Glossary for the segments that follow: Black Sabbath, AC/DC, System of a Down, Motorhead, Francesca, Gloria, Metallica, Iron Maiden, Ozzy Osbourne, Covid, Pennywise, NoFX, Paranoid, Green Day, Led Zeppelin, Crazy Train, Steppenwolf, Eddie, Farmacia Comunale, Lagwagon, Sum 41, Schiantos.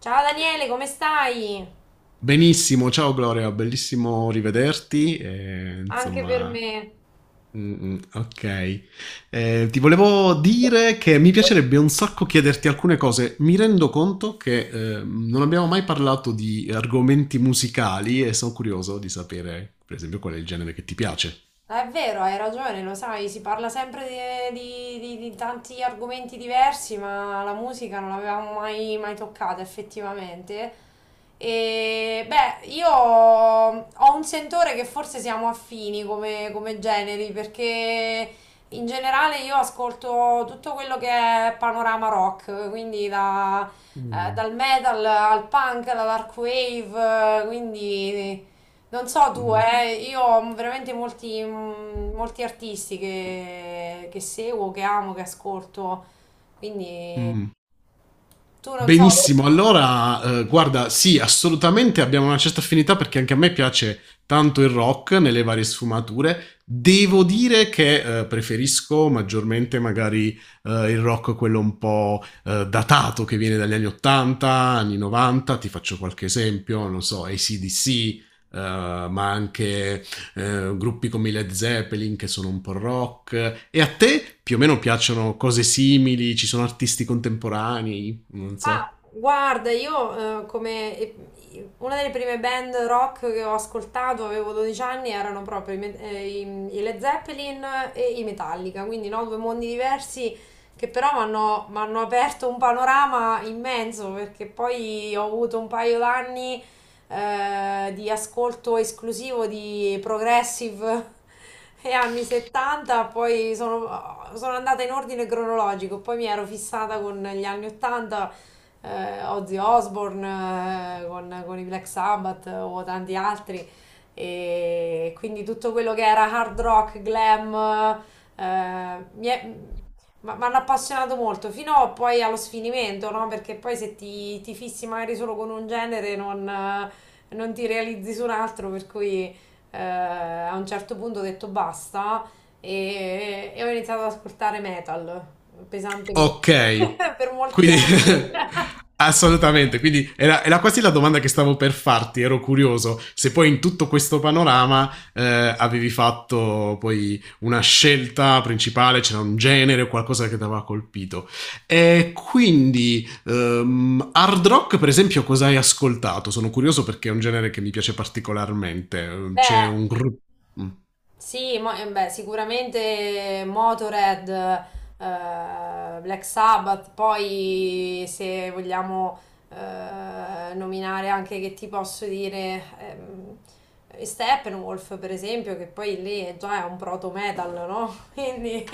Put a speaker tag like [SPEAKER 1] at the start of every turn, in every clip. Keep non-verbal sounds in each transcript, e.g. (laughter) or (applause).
[SPEAKER 1] Ciao Daniele, come stai?
[SPEAKER 2] Benissimo, ciao Gloria, bellissimo rivederti.
[SPEAKER 1] Anche per me.
[SPEAKER 2] Ok. Ti volevo dire che mi piacerebbe un sacco chiederti alcune cose. Mi rendo conto che non abbiamo mai parlato di argomenti musicali e sono curioso di sapere, per esempio, qual è il genere che ti piace.
[SPEAKER 1] Ah, è vero, hai ragione, lo sai, si parla sempre di tanti argomenti diversi, ma la musica non l'avevamo mai toccata effettivamente. E beh, io ho un sentore che forse siamo affini come generi, perché in generale io ascolto tutto quello che è panorama rock, quindi
[SPEAKER 2] Mm.
[SPEAKER 1] dal metal al punk, alla dark wave, quindi... Non so tu,
[SPEAKER 2] Mm.
[SPEAKER 1] io ho veramente molti, molti artisti che seguo, che amo, che ascolto, quindi
[SPEAKER 2] Mm.
[SPEAKER 1] tu non so.
[SPEAKER 2] Benissimo, allora, guarda, sì, assolutamente abbiamo una certa affinità perché anche a me piace tanto il rock nelle varie sfumature. Devo dire che preferisco maggiormente magari il rock quello un po' datato che viene dagli anni 80, anni 90, ti faccio qualche esempio, non so, AC/DC, ma anche gruppi come i Led Zeppelin che sono un po' rock. E a te più o meno piacciono cose simili? Ci sono artisti contemporanei? Non
[SPEAKER 1] Ma
[SPEAKER 2] so.
[SPEAKER 1] guarda, io una delle prime band rock che ho ascoltato, avevo 12 anni, erano proprio i Led Zeppelin e i Metallica, quindi no, due mondi diversi che però mi hanno aperto un panorama immenso, perché poi ho avuto un paio d'anni di ascolto esclusivo di progressive (laughs) e anni 70. Poi sono andata in ordine cronologico, poi mi ero fissata con gli anni 80, Ozzy Osbourne con i Black Sabbath o tanti altri, e quindi tutto quello che era hard rock, glam, eh, mi è- mi hanno appassionato molto, fino poi allo sfinimento, no? Perché poi se ti fissi magari solo con un genere non, non ti realizzi su un altro, per cui a un certo punto ho detto basta, e ho iniziato ad ascoltare metal
[SPEAKER 2] Ok,
[SPEAKER 1] pesantemente (laughs) per molti
[SPEAKER 2] quindi
[SPEAKER 1] anni.
[SPEAKER 2] (laughs)
[SPEAKER 1] (laughs)
[SPEAKER 2] assolutamente, quindi era quasi la domanda che stavo per farti, ero curioso se poi in tutto questo panorama avevi fatto poi una scelta principale, c'era un genere o qualcosa che ti aveva colpito. E quindi hard rock, per esempio, cosa hai ascoltato? Sono curioso perché è un genere che mi piace particolarmente. C'è
[SPEAKER 1] Beh,
[SPEAKER 2] un gruppo...
[SPEAKER 1] sì, beh, sicuramente Motorhead, Black Sabbath, poi se vogliamo nominare anche, che ti posso dire, Steppenwolf per esempio, che poi lì è già un proto metal, no? (laughs) Quindi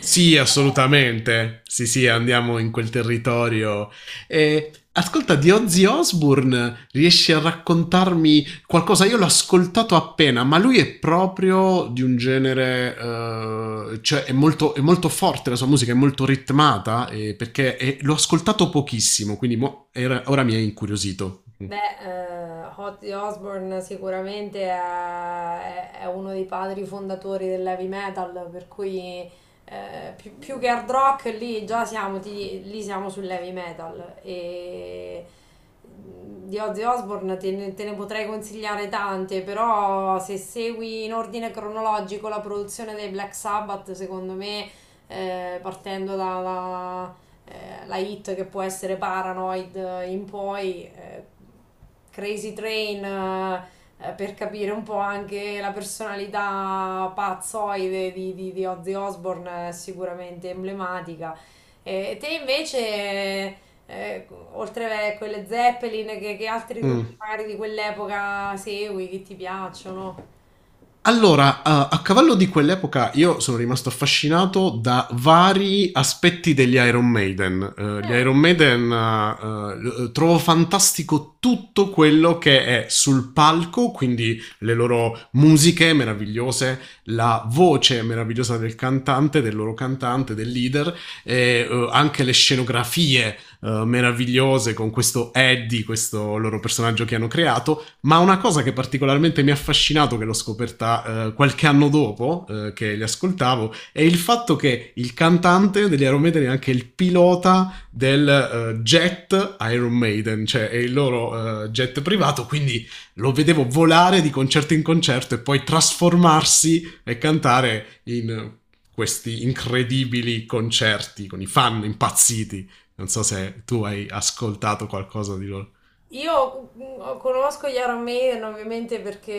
[SPEAKER 2] Sì, assolutamente. Sì, sì, andiamo in quel territorio. E ascolta, di Ozzy Osbourne, riesci a raccontarmi qualcosa? Io l'ho ascoltato appena, ma lui è proprio di un genere, cioè è molto forte, la sua musica è molto ritmata, l'ho ascoltato pochissimo, quindi ora mi è incuriosito.
[SPEAKER 1] beh, Ozzy Osbourne sicuramente è uno dei padri fondatori dell'heavy metal, per cui più che hard rock lì già siamo, lì siamo sull'heavy metal. E di Ozzy Osbourne te ne potrei consigliare tante, però se segui in ordine cronologico la produzione dei Black Sabbath, secondo me, partendo da la hit che può essere Paranoid in poi, Crazy Train, per capire un po' anche la personalità pazzoide di Ozzy Osbourne, sicuramente emblematica. E te invece, eh, oltre a quelle Zeppelin, che altri
[SPEAKER 2] Mm.
[SPEAKER 1] gruppi magari di quell'epoca segui, che ti piacciono?
[SPEAKER 2] Allora, a cavallo di quell'epoca io sono rimasto affascinato da vari aspetti degli Iron Maiden. Gli
[SPEAKER 1] Mm.
[SPEAKER 2] Iron Maiden, l trovo fantastico tutto quello che è sul palco, quindi le loro musiche meravigliose, la voce meravigliosa del cantante, del loro cantante, del leader e, anche le scenografie, meravigliose con questo Eddie, questo loro personaggio che hanno creato, ma una cosa che particolarmente mi ha affascinato, che l'ho scoperta qualche anno dopo che li ascoltavo, è il fatto che il cantante degli Iron Maiden è anche il pilota del jet Iron Maiden, cioè è il loro jet privato, quindi lo vedevo volare di concerto in concerto e poi trasformarsi e cantare in questi incredibili concerti con i fan impazziti. Non so se tu hai ascoltato qualcosa di loro.
[SPEAKER 1] Io conosco gli Iron Maiden ovviamente perché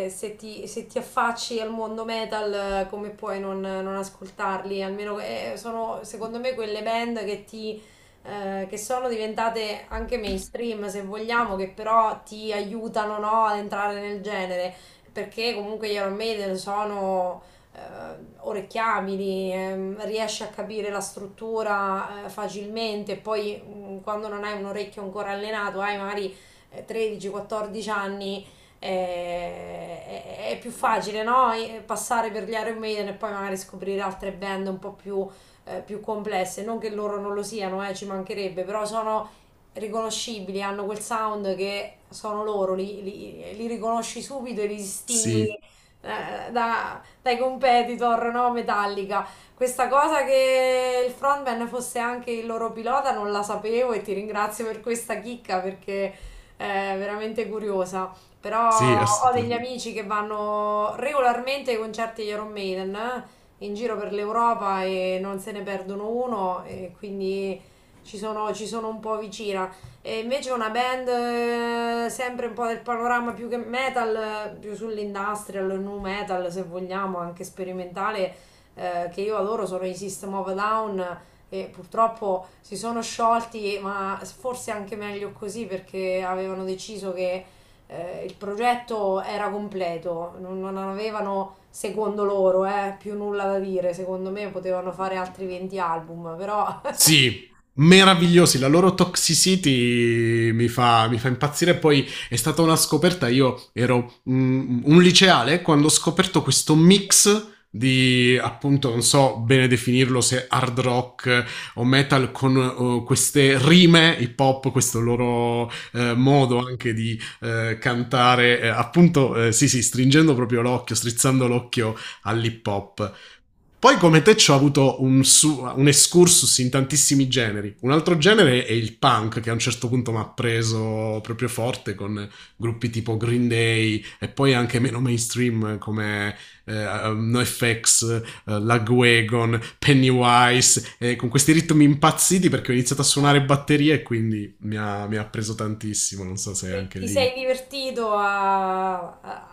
[SPEAKER 1] se se ti affacci al mondo metal, come puoi non ascoltarli? Almeno sono secondo me quelle band che sono diventate anche mainstream, se vogliamo, che però ti aiutano, no, ad entrare nel genere, perché comunque gli Iron Maiden sono eh, orecchiabili, riesce a capire la struttura facilmente, poi quando non hai un orecchio ancora allenato, hai magari 13-14 anni, è più facile, no? Passare per gli Iron Maiden e poi magari scoprire altre band un po' più, più complesse, non che loro non lo siano, ci mancherebbe, però sono riconoscibili, hanno quel sound che sono loro, li riconosci subito e li distingui
[SPEAKER 2] Sì,
[SPEAKER 1] eh, da, dai competitor, no? Metallica. Questa cosa che il frontman fosse anche il loro pilota non la sapevo, e ti ringrazio per questa chicca perché è veramente curiosa. Però
[SPEAKER 2] sì,
[SPEAKER 1] ho degli
[SPEAKER 2] assolutamente.
[SPEAKER 1] amici che vanno regolarmente ai concerti di Iron Maiden in giro per l'Europa e non se ne perdono uno, e quindi ci sono un po' vicina. E invece una band sempre un po' del panorama più che metal, più sull'industrial, nu metal se vogliamo, anche sperimentale, che io adoro, sono i System of a Down, e purtroppo si sono sciolti, ma forse anche meglio così, perché avevano deciso che il progetto era completo, non avevano, secondo loro, più nulla da dire. Secondo me potevano fare altri 20 album, però... (laughs)
[SPEAKER 2] Sì, meravigliosi. La loro toxicity mi fa impazzire. Poi è stata una scoperta. Io ero un liceale quando ho scoperto questo mix di appunto non so bene definirlo se hard rock o metal con queste rime hip hop, questo loro modo anche di cantare appunto sì sì, stringendo proprio l'occhio, strizzando l'occhio all'hip hop. Poi come te ci ho avuto un excursus in tantissimi generi. Un altro genere è il punk, che a un certo punto mi ha preso proprio forte con gruppi tipo Green Day e poi anche meno mainstream come NoFX, Lagwagon, Pennywise, con questi ritmi impazziti perché ho iniziato a
[SPEAKER 1] No.
[SPEAKER 2] suonare batterie e quindi mi ha preso tantissimo, non so se
[SPEAKER 1] Ti
[SPEAKER 2] anche
[SPEAKER 1] ti
[SPEAKER 2] lì.
[SPEAKER 1] sei divertito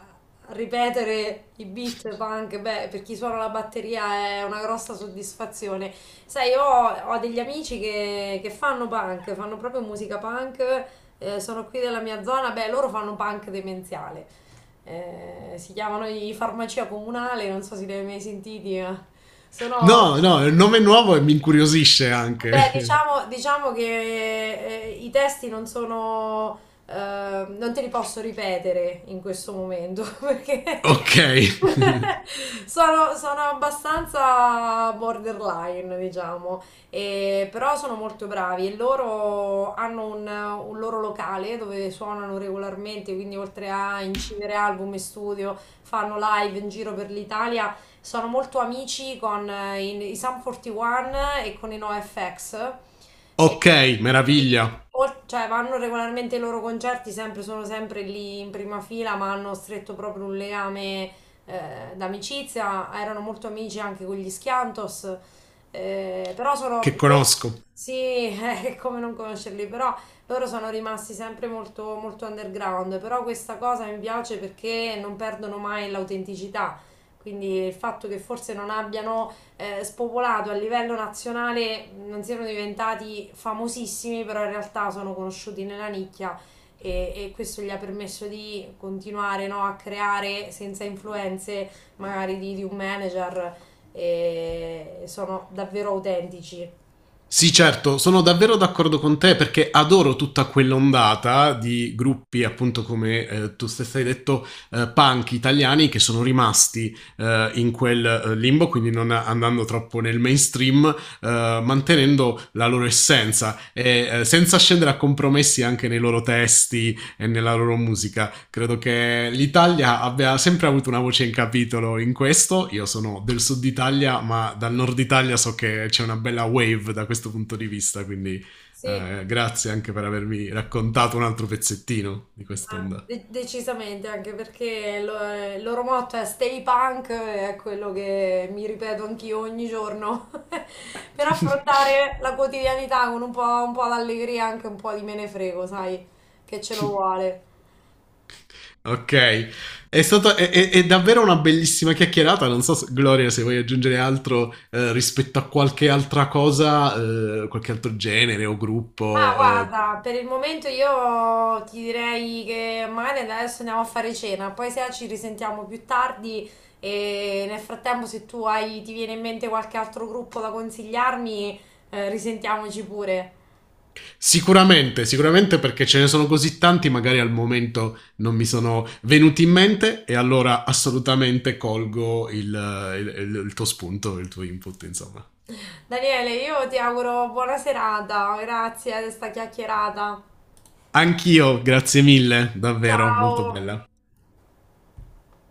[SPEAKER 1] a ripetere i beat punk? Beh, per chi suona la batteria è una grossa soddisfazione. Sai, io ho degli amici che fanno punk, fanno proprio musica punk, sono qui della mia zona, beh, loro fanno punk demenziale. Si chiamano i Farmacia Comunale, non so se li hai mai sentiti, ma sono...
[SPEAKER 2] No, no, è un nome nuovo e mi incuriosisce
[SPEAKER 1] Beh,
[SPEAKER 2] anche. (laughs)
[SPEAKER 1] diciamo che i testi non sono, non te li posso ripetere in questo momento (laughs) perché
[SPEAKER 2] Ok. (laughs)
[SPEAKER 1] (laughs) sono abbastanza borderline, diciamo. Però sono molto bravi, e loro hanno un loro locale dove suonano regolarmente, quindi oltre a incidere album in studio, fanno live in giro per l'Italia, sono molto amici con i Sum 41 e con i NoFX. E
[SPEAKER 2] Ok,
[SPEAKER 1] quindi,
[SPEAKER 2] meraviglia,
[SPEAKER 1] cioè, vanno regolarmente ai loro concerti, sempre, sono sempre lì in prima fila, ma hanno stretto proprio un legame d'amicizia. Erano molto amici anche con gli Schiantos. eh, però sono...
[SPEAKER 2] che
[SPEAKER 1] loro-
[SPEAKER 2] conosco.
[SPEAKER 1] Sì, (laughs) è come non conoscerli, però loro sono rimasti sempre molto underground, però questa cosa mi piace perché non perdono mai l'autenticità. Quindi il fatto che forse non abbiano spopolato a livello nazionale, non siano diventati famosissimi, però in realtà sono conosciuti nella nicchia, e questo gli ha permesso di continuare, no, a creare senza influenze magari di un manager, e sono davvero autentici.
[SPEAKER 2] Sì, certo, sono davvero d'accordo con te perché adoro tutta quell'ondata di gruppi, appunto come tu stessa hai detto, punk italiani che sono rimasti in quel limbo, quindi non andando troppo nel mainstream, mantenendo la loro essenza e senza scendere a compromessi anche nei loro testi e nella loro musica. Credo che l'Italia abbia sempre avuto una voce in capitolo in questo. Io sono del sud Italia, ma dal nord Italia so che c'è una bella wave da questo punto di vista, quindi
[SPEAKER 1] Sì,
[SPEAKER 2] grazie anche per avermi raccontato un altro pezzettino di
[SPEAKER 1] ah,
[SPEAKER 2] quest'onda.
[SPEAKER 1] decisamente, anche perché il loro motto è Stay Punk, è quello che mi ripeto anch'io ogni giorno, (laughs) per
[SPEAKER 2] (laughs)
[SPEAKER 1] affrontare la quotidianità con un po' d'allegria, anche un po' di me ne frego, sai, che ce lo vuole.
[SPEAKER 2] Ok, è stata è davvero una bellissima chiacchierata. Non so, Gloria, se vuoi aggiungere altro rispetto a qualche altra cosa, qualche altro genere o
[SPEAKER 1] Ma
[SPEAKER 2] gruppo,
[SPEAKER 1] guarda, per il momento io ti direi che magari adesso andiamo a fare cena, poi se ci risentiamo più tardi e nel frattempo se tu hai, ti viene in mente qualche altro gruppo da consigliarmi, risentiamoci pure.
[SPEAKER 2] sicuramente, sicuramente perché ce ne sono così tanti, magari al momento non mi sono venuti in mente e allora assolutamente colgo il, il tuo spunto, il tuo input, insomma.
[SPEAKER 1] Daniele, io ti auguro buona serata, grazie di questa chiacchierata.
[SPEAKER 2] Anch'io, grazie mille, davvero, molto
[SPEAKER 1] Ciao!
[SPEAKER 2] bella.